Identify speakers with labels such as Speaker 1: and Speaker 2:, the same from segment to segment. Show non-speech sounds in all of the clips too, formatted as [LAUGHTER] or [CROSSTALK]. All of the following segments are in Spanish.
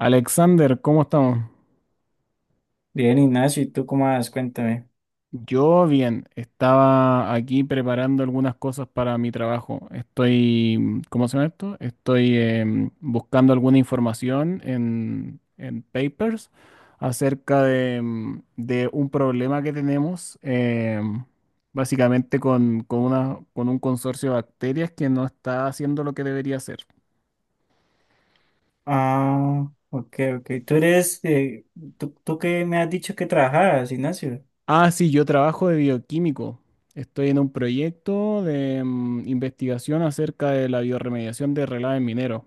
Speaker 1: Alexander, ¿cómo estamos?
Speaker 2: Bien, Ignacio, ¿y tú cómo vas? Cuéntame.
Speaker 1: Yo bien, estaba aquí preparando algunas cosas para mi trabajo. Estoy, ¿cómo se llama esto? Estoy buscando alguna información en papers acerca de, de un problema que tenemos, básicamente con un consorcio de bacterias que no está haciendo lo que debería hacer.
Speaker 2: Ah, ok, ok. Tú eres, tú que me has dicho que trabajabas, Ignacio.
Speaker 1: Ah, sí, yo trabajo de bioquímico. Estoy en un proyecto de investigación acerca de la bioremediación de relaves mineros.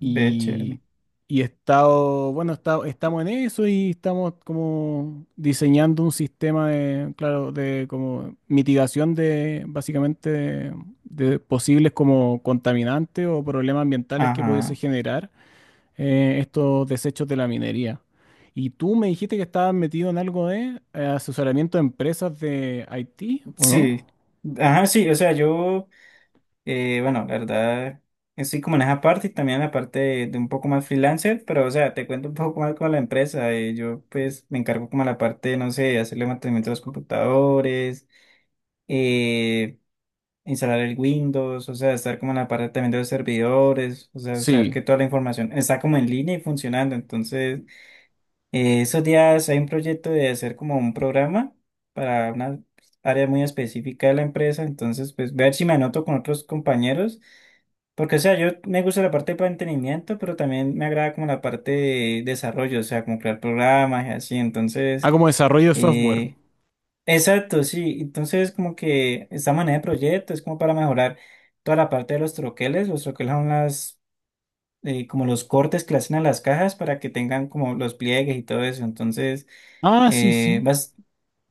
Speaker 2: Ve, chévere.
Speaker 1: Y, y he estado, bueno, estamos en eso y estamos como diseñando un sistema de, claro, de como mitigación de básicamente de posibles como contaminantes o problemas ambientales que pudiese
Speaker 2: Ajá,
Speaker 1: generar estos desechos de la minería. Y tú me dijiste que estabas metido en algo de asesoramiento de empresas de IT, ¿o no?
Speaker 2: sí. Ajá, sí, o sea, yo, bueno, la verdad, estoy como en esa parte y también en la parte de un poco más freelancer, pero, o sea, te cuento un poco más con la empresa. Yo, pues, me encargo como la parte, no sé, de hacerle mantenimiento a los computadores, eh. Instalar el Windows, o sea, estar como en la parte también de los servidores, o sea, saber
Speaker 1: Sí.
Speaker 2: que toda la información está como en línea y funcionando. Entonces, esos días hay un proyecto de hacer como un programa para una área muy específica de la empresa, entonces, pues ver si me anoto con otros compañeros, porque, o sea, yo me gusta la parte de mantenimiento, pero también me agrada como la parte de desarrollo, o sea, como crear programas y así,
Speaker 1: Ah,
Speaker 2: entonces...
Speaker 1: como desarrollo de software.
Speaker 2: Eh, Exacto, sí. Entonces, como que esta manera de proyecto es como para mejorar toda la parte de los troqueles. Los troqueles son las, como los cortes que le hacen a las cajas para que tengan como los pliegues y todo eso. Entonces,
Speaker 1: Ah, sí,
Speaker 2: eh,
Speaker 1: sí.
Speaker 2: vas,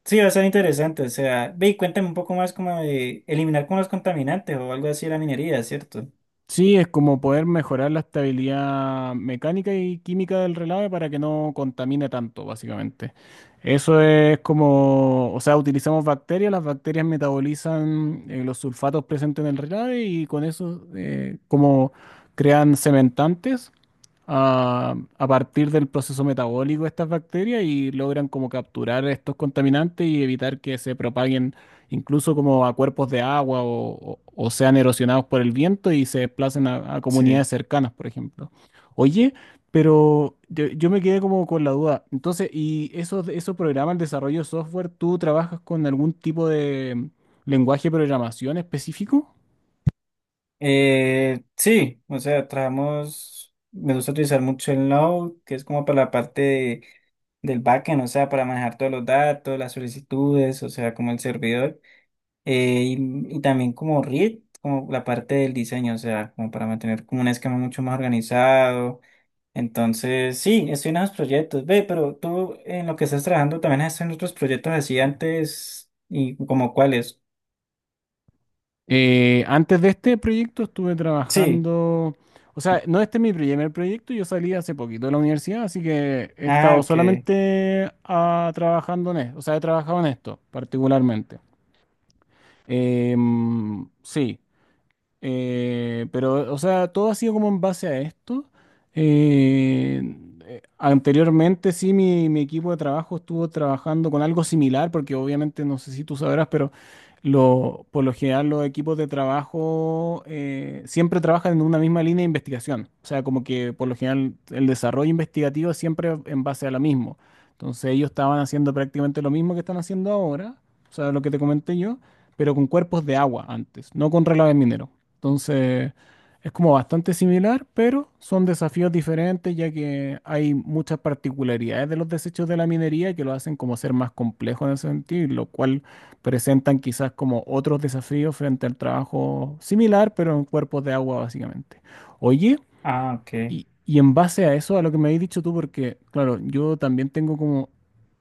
Speaker 2: sí, va a ser interesante. O sea, ve y cuéntame un poco más como de eliminar como los contaminantes o algo así de la minería, ¿cierto?
Speaker 1: Sí, es como poder mejorar la estabilidad mecánica y química del relave para que no contamine tanto, básicamente. Eso es como, o sea, utilizamos bacterias, las bacterias metabolizan los sulfatos presentes en el relave y con eso como crean cementantes a partir del proceso metabólico de estas bacterias y logran como capturar estos contaminantes y evitar que se propaguen incluso como a cuerpos de agua o sean erosionados por el viento y se desplacen a comunidades
Speaker 2: Sí.
Speaker 1: cercanas, por ejemplo. Oye, pero yo me quedé como con la duda. Entonces, ¿y esos programas, el desarrollo de software, tú trabajas con algún tipo de lenguaje de programación específico?
Speaker 2: Sí, o sea, trabajamos, me gusta utilizar mucho el Node, que es como para la parte del backend, o sea, para manejar todos los datos, las solicitudes, o sea, como el servidor, eh, y, y también como React, como la parte del diseño, o sea, como para mantener como un esquema mucho más organizado. Entonces, sí, estoy en esos proyectos. Ve, pero tú en lo que estás trabajando también has hecho en otros proyectos así antes y como cuáles.
Speaker 1: Antes de este proyecto estuve
Speaker 2: Sí.
Speaker 1: trabajando, o sea, no este es mi primer proyecto, yo salí hace poquito de la universidad, así que he
Speaker 2: Ah,
Speaker 1: estado
Speaker 2: ok.
Speaker 1: solamente ah, trabajando en esto, o sea, he trabajado en esto particularmente. Em, sí, pero, o sea, todo ha sido como en base a esto. Eh, Anteriormente, sí, mi equipo de trabajo estuvo trabajando con algo similar, porque obviamente no sé si tú sabrás, pero por lo general los equipos de trabajo siempre trabajan en una misma línea de investigación. O sea, como que por lo general el desarrollo investigativo es siempre en base a lo mismo. Entonces ellos estaban haciendo prácticamente lo mismo que están haciendo ahora, o sea, lo que te comenté yo, pero con cuerpos de agua antes, no con relaves mineros. Entonces, es como bastante similar, pero son desafíos diferentes, ya que hay muchas particularidades de los desechos de la minería que lo hacen como ser más complejo en ese sentido, y lo cual presentan quizás como otros desafíos frente al trabajo similar, pero en cuerpos de agua, básicamente. Oye,
Speaker 2: Ah, ok.
Speaker 1: y en base a eso, a lo que me habéis dicho tú, porque claro, yo también tengo como,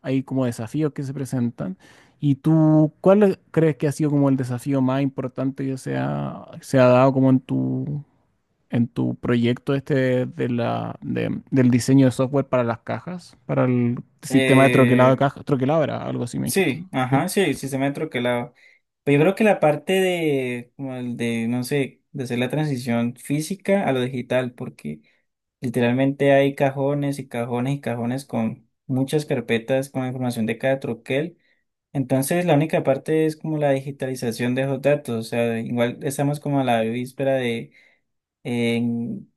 Speaker 1: hay como desafíos que se presentan. ¿Crees que ha sido como el desafío más importante que se ha dado como en tu proyecto este de la, de- del diseño de software para las cajas, para el sistema de troquelado de
Speaker 2: Eh,
Speaker 1: cajas? Troquelado era algo así, me dijiste,
Speaker 2: Sí,
Speaker 1: ¿no? Sí.
Speaker 2: ajá, sí, el sistema de troquelado. Pero yo creo que la parte de, como el de, no sé, de hacer la transición física a lo digital, porque literalmente hay cajones y cajones y cajones con muchas carpetas con información de cada troquel. Entonces, la única parte es como la digitalización de esos datos. O sea, igual estamos como a la víspera de eh,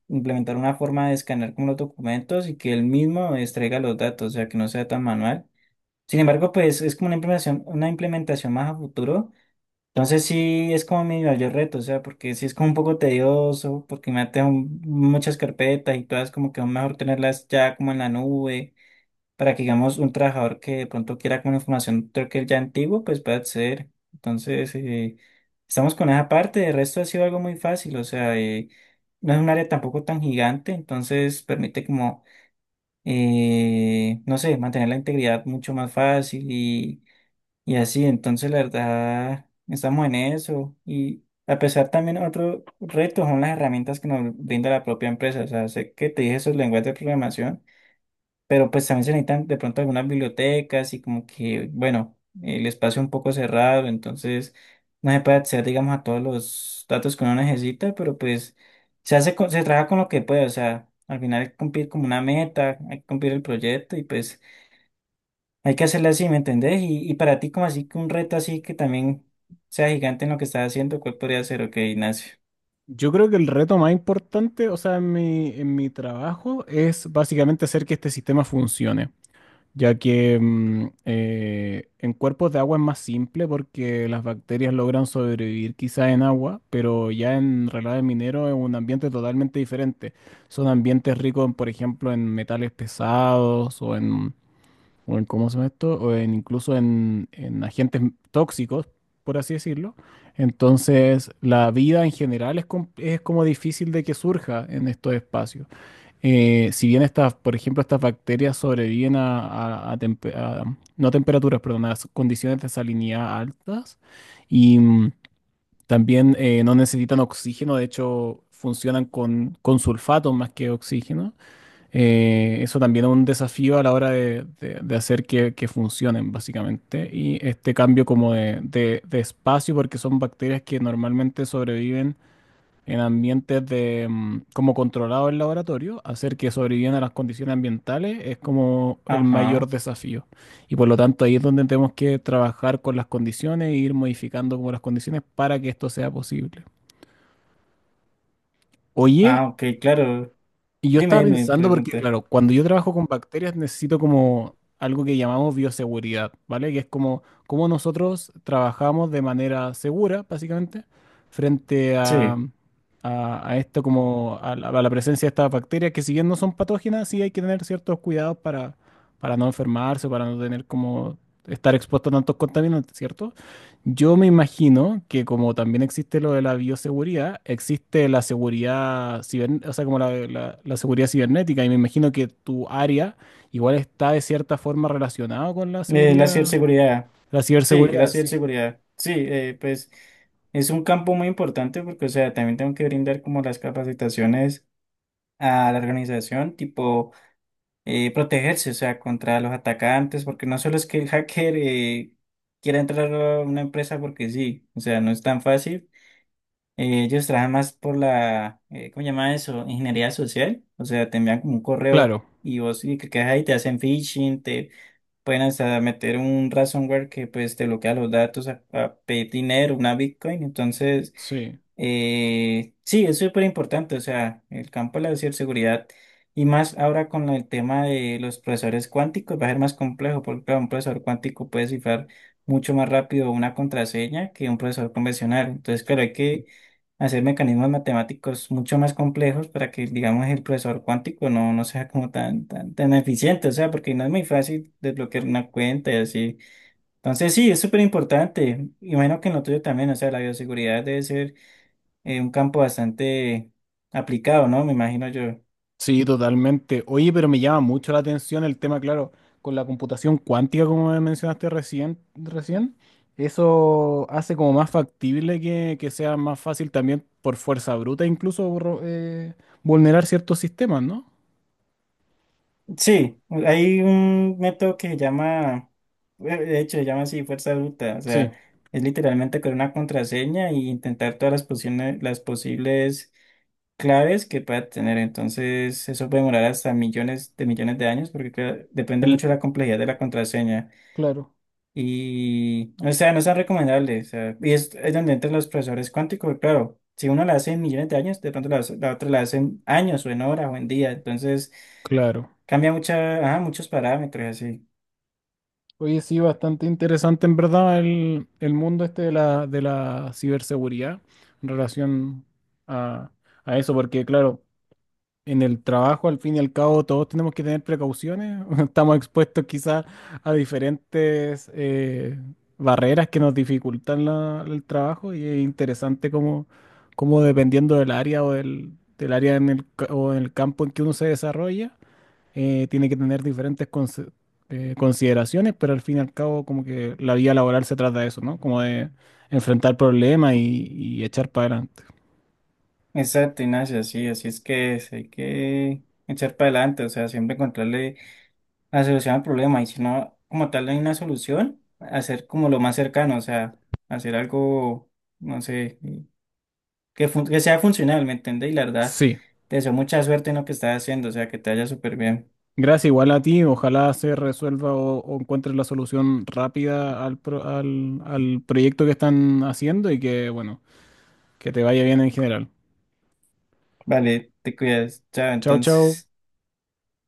Speaker 2: implementar una forma de escanear como los documentos y que él mismo extraiga los datos, o sea, que no sea tan manual sin embargo, pues es como una implementación más a futuro. Entonces sí es como mi mayor reto, o sea, porque sí es como un poco tedioso, porque me tengo muchas carpetas y todas como que es mejor tenerlas ya como en la nube, para que digamos un trabajador que de pronto quiera como información creo que ya antiguo, pues pueda acceder. Entonces, estamos con esa parte, de resto ha sido algo muy fácil, o sea, no es un área tampoco tan gigante, entonces permite como no sé, mantener la integridad mucho más fácil y así, entonces la verdad, estamos en eso. Y a pesar también otro reto son las herramientas que nos brinda la propia empresa. O sea, sé que te dije esos lenguajes de programación, pero pues también se necesitan de pronto algunas bibliotecas y como que, bueno, el espacio un poco cerrado, entonces no se puede acceder, digamos, a todos los datos que uno necesita, pero pues se trabaja con lo que puede. O sea, al final hay que cumplir como una meta, hay que cumplir el proyecto y pues... Hay que hacerla así, ¿me entendés? Y para ti, como así que un reto así que también sea gigante en lo que estás haciendo, ¿cuál podría ser? Ok, Ignacio.
Speaker 1: Yo creo que el reto más importante, o sea, en mi trabajo es básicamente hacer que este sistema funcione. Ya que en cuerpos de agua es más simple porque las bacterias logran sobrevivir quizás en agua, pero ya en relaves mineros es un ambiente totalmente diferente. Son ambientes ricos, en, por ejemplo, en metales pesados o en ¿cómo se llama esto? O en incluso en tóxicos, por así decirlo. Entonces, la vida en general es, es como difícil de que surja en estos espacios. Si bien estas, por ejemplo, estas bacterias sobreviven no a temperaturas, perdón, a condiciones de salinidad altas y también no necesitan oxígeno, de hecho funcionan con sulfato más que oxígeno. Eso también es un desafío a la hora de hacer que funcionen, básicamente. Y este cambio como de espacio, porque son bacterias que normalmente sobreviven en ambientes de como controlado el laboratorio, hacer que sobrevivan a las condiciones ambientales es como el mayor
Speaker 2: Ajá.
Speaker 1: desafío. Y por lo tanto ahí es donde tenemos que trabajar con las condiciones e ir modificando como las condiciones para que esto sea posible. Oye,
Speaker 2: Ah, ok, claro.
Speaker 1: y yo
Speaker 2: Dime,
Speaker 1: estaba
Speaker 2: dime,
Speaker 1: pensando porque,
Speaker 2: pregunta.
Speaker 1: claro, cuando yo trabajo con bacterias necesito como algo que llamamos bioseguridad, ¿vale? Que es como cómo nosotros trabajamos de manera segura, básicamente, frente a,
Speaker 2: Sí.
Speaker 1: a esto como a la presencia de estas bacterias que si bien no son patógenas, sí hay que tener ciertos cuidados para no enfermarse, para no tener como estar expuesto a tantos contaminantes, ¿cierto? Yo me imagino que como también existe lo de la bioseguridad, existe la seguridad, o sea, como la, la seguridad cibernética, y me imagino que tu área igual está de cierta forma relacionada con la
Speaker 2: La
Speaker 1: seguridad,
Speaker 2: ciberseguridad.
Speaker 1: la
Speaker 2: Sí, la
Speaker 1: ciberseguridad, sí.
Speaker 2: ciberseguridad. Sí, pues es un campo muy importante porque, o sea, también tengo que brindar como las capacitaciones a la organización, tipo. Protegerse, o sea, contra los atacantes, porque no solo es que el hacker quiera entrar a una empresa porque sí, o sea, no es tan fácil. Ellos trabajan más por la, ¿cómo se llama eso? Ingeniería social, o sea, te envían como un correo
Speaker 1: Claro,
Speaker 2: y vos y que quedas ahí, te hacen phishing, te pueden hasta meter un ransomware que pues te bloquea los datos a pedir dinero, una Bitcoin, entonces...
Speaker 1: sí.
Speaker 2: Sí, es súper importante, o sea, el campo de la ciberseguridad y más ahora con el tema de los procesadores cuánticos va a ser más complejo porque claro, un procesador cuántico puede cifrar mucho más rápido una contraseña que un procesador convencional. Entonces, claro, hay que hacer mecanismos matemáticos mucho más complejos para que, digamos, el procesador cuántico no, no sea como tan, tan, tan eficiente, o sea, porque no es muy fácil desbloquear una cuenta y así. Entonces, sí, es súper importante. Imagino que en lo tuyo también, o sea, la bioseguridad debe ser un campo bastante aplicado, ¿no? Me imagino yo.
Speaker 1: Sí, totalmente. Oye, pero me llama mucho la atención el tema, claro, con la computación cuántica, como me mencionaste recién. Eso hace como más factible que sea más fácil también por fuerza bruta, incluso vulnerar ciertos sistemas, ¿no?
Speaker 2: Sí, hay un método que se llama, de hecho, se llama así fuerza bruta, o
Speaker 1: Sí,
Speaker 2: sea, es literalmente con una contraseña y intentar todas las posibles claves que pueda tener. Entonces, eso puede demorar hasta millones de años porque claro, depende
Speaker 1: el,
Speaker 2: mucho de la complejidad de la contraseña.
Speaker 1: claro,
Speaker 2: Y, o sea, no son recomendables. O sea, y es donde entran los profesores cuánticos, claro. Si uno la hace en millones de años, de pronto la otra la hace en años o en horas o en días. Entonces,
Speaker 1: claro.
Speaker 2: cambia mucha, ajá, muchos parámetros, así.
Speaker 1: Oye, sí, bastante interesante en verdad el mundo este de la ciberseguridad en relación a, a eso, porque claro, en el trabajo, al fin y al cabo, todos tenemos que tener precauciones. [LAUGHS] Estamos expuestos quizás a diferentes barreras que nos dificultan el trabajo y es interesante como, como dependiendo del área o del, del área en el, o en el campo en que uno se desarrolla, tiene que tener diferentes consideraciones, pero al fin y al cabo como que la vida laboral se trata de eso, ¿no? Como de enfrentar problemas y echar para adelante.
Speaker 2: Exacto, Ignacio, así, así es que es, hay que echar para adelante, o sea, siempre encontrarle la solución al problema. Y si no, como tal, no hay una solución, hacer como lo más cercano, o sea, hacer algo, no sé. Que, que sea funcional, ¿me entendés? Y la verdad,
Speaker 1: Sí.
Speaker 2: te deseo mucha suerte en lo que estás haciendo, o sea, que te vaya súper bien.
Speaker 1: Gracias igual a ti. Ojalá se resuelva o encuentres la solución rápida al proyecto que están haciendo y que, bueno, que te vaya bien en general.
Speaker 2: Vale, te cuidas. Chao,
Speaker 1: Chao, chao.
Speaker 2: entonces.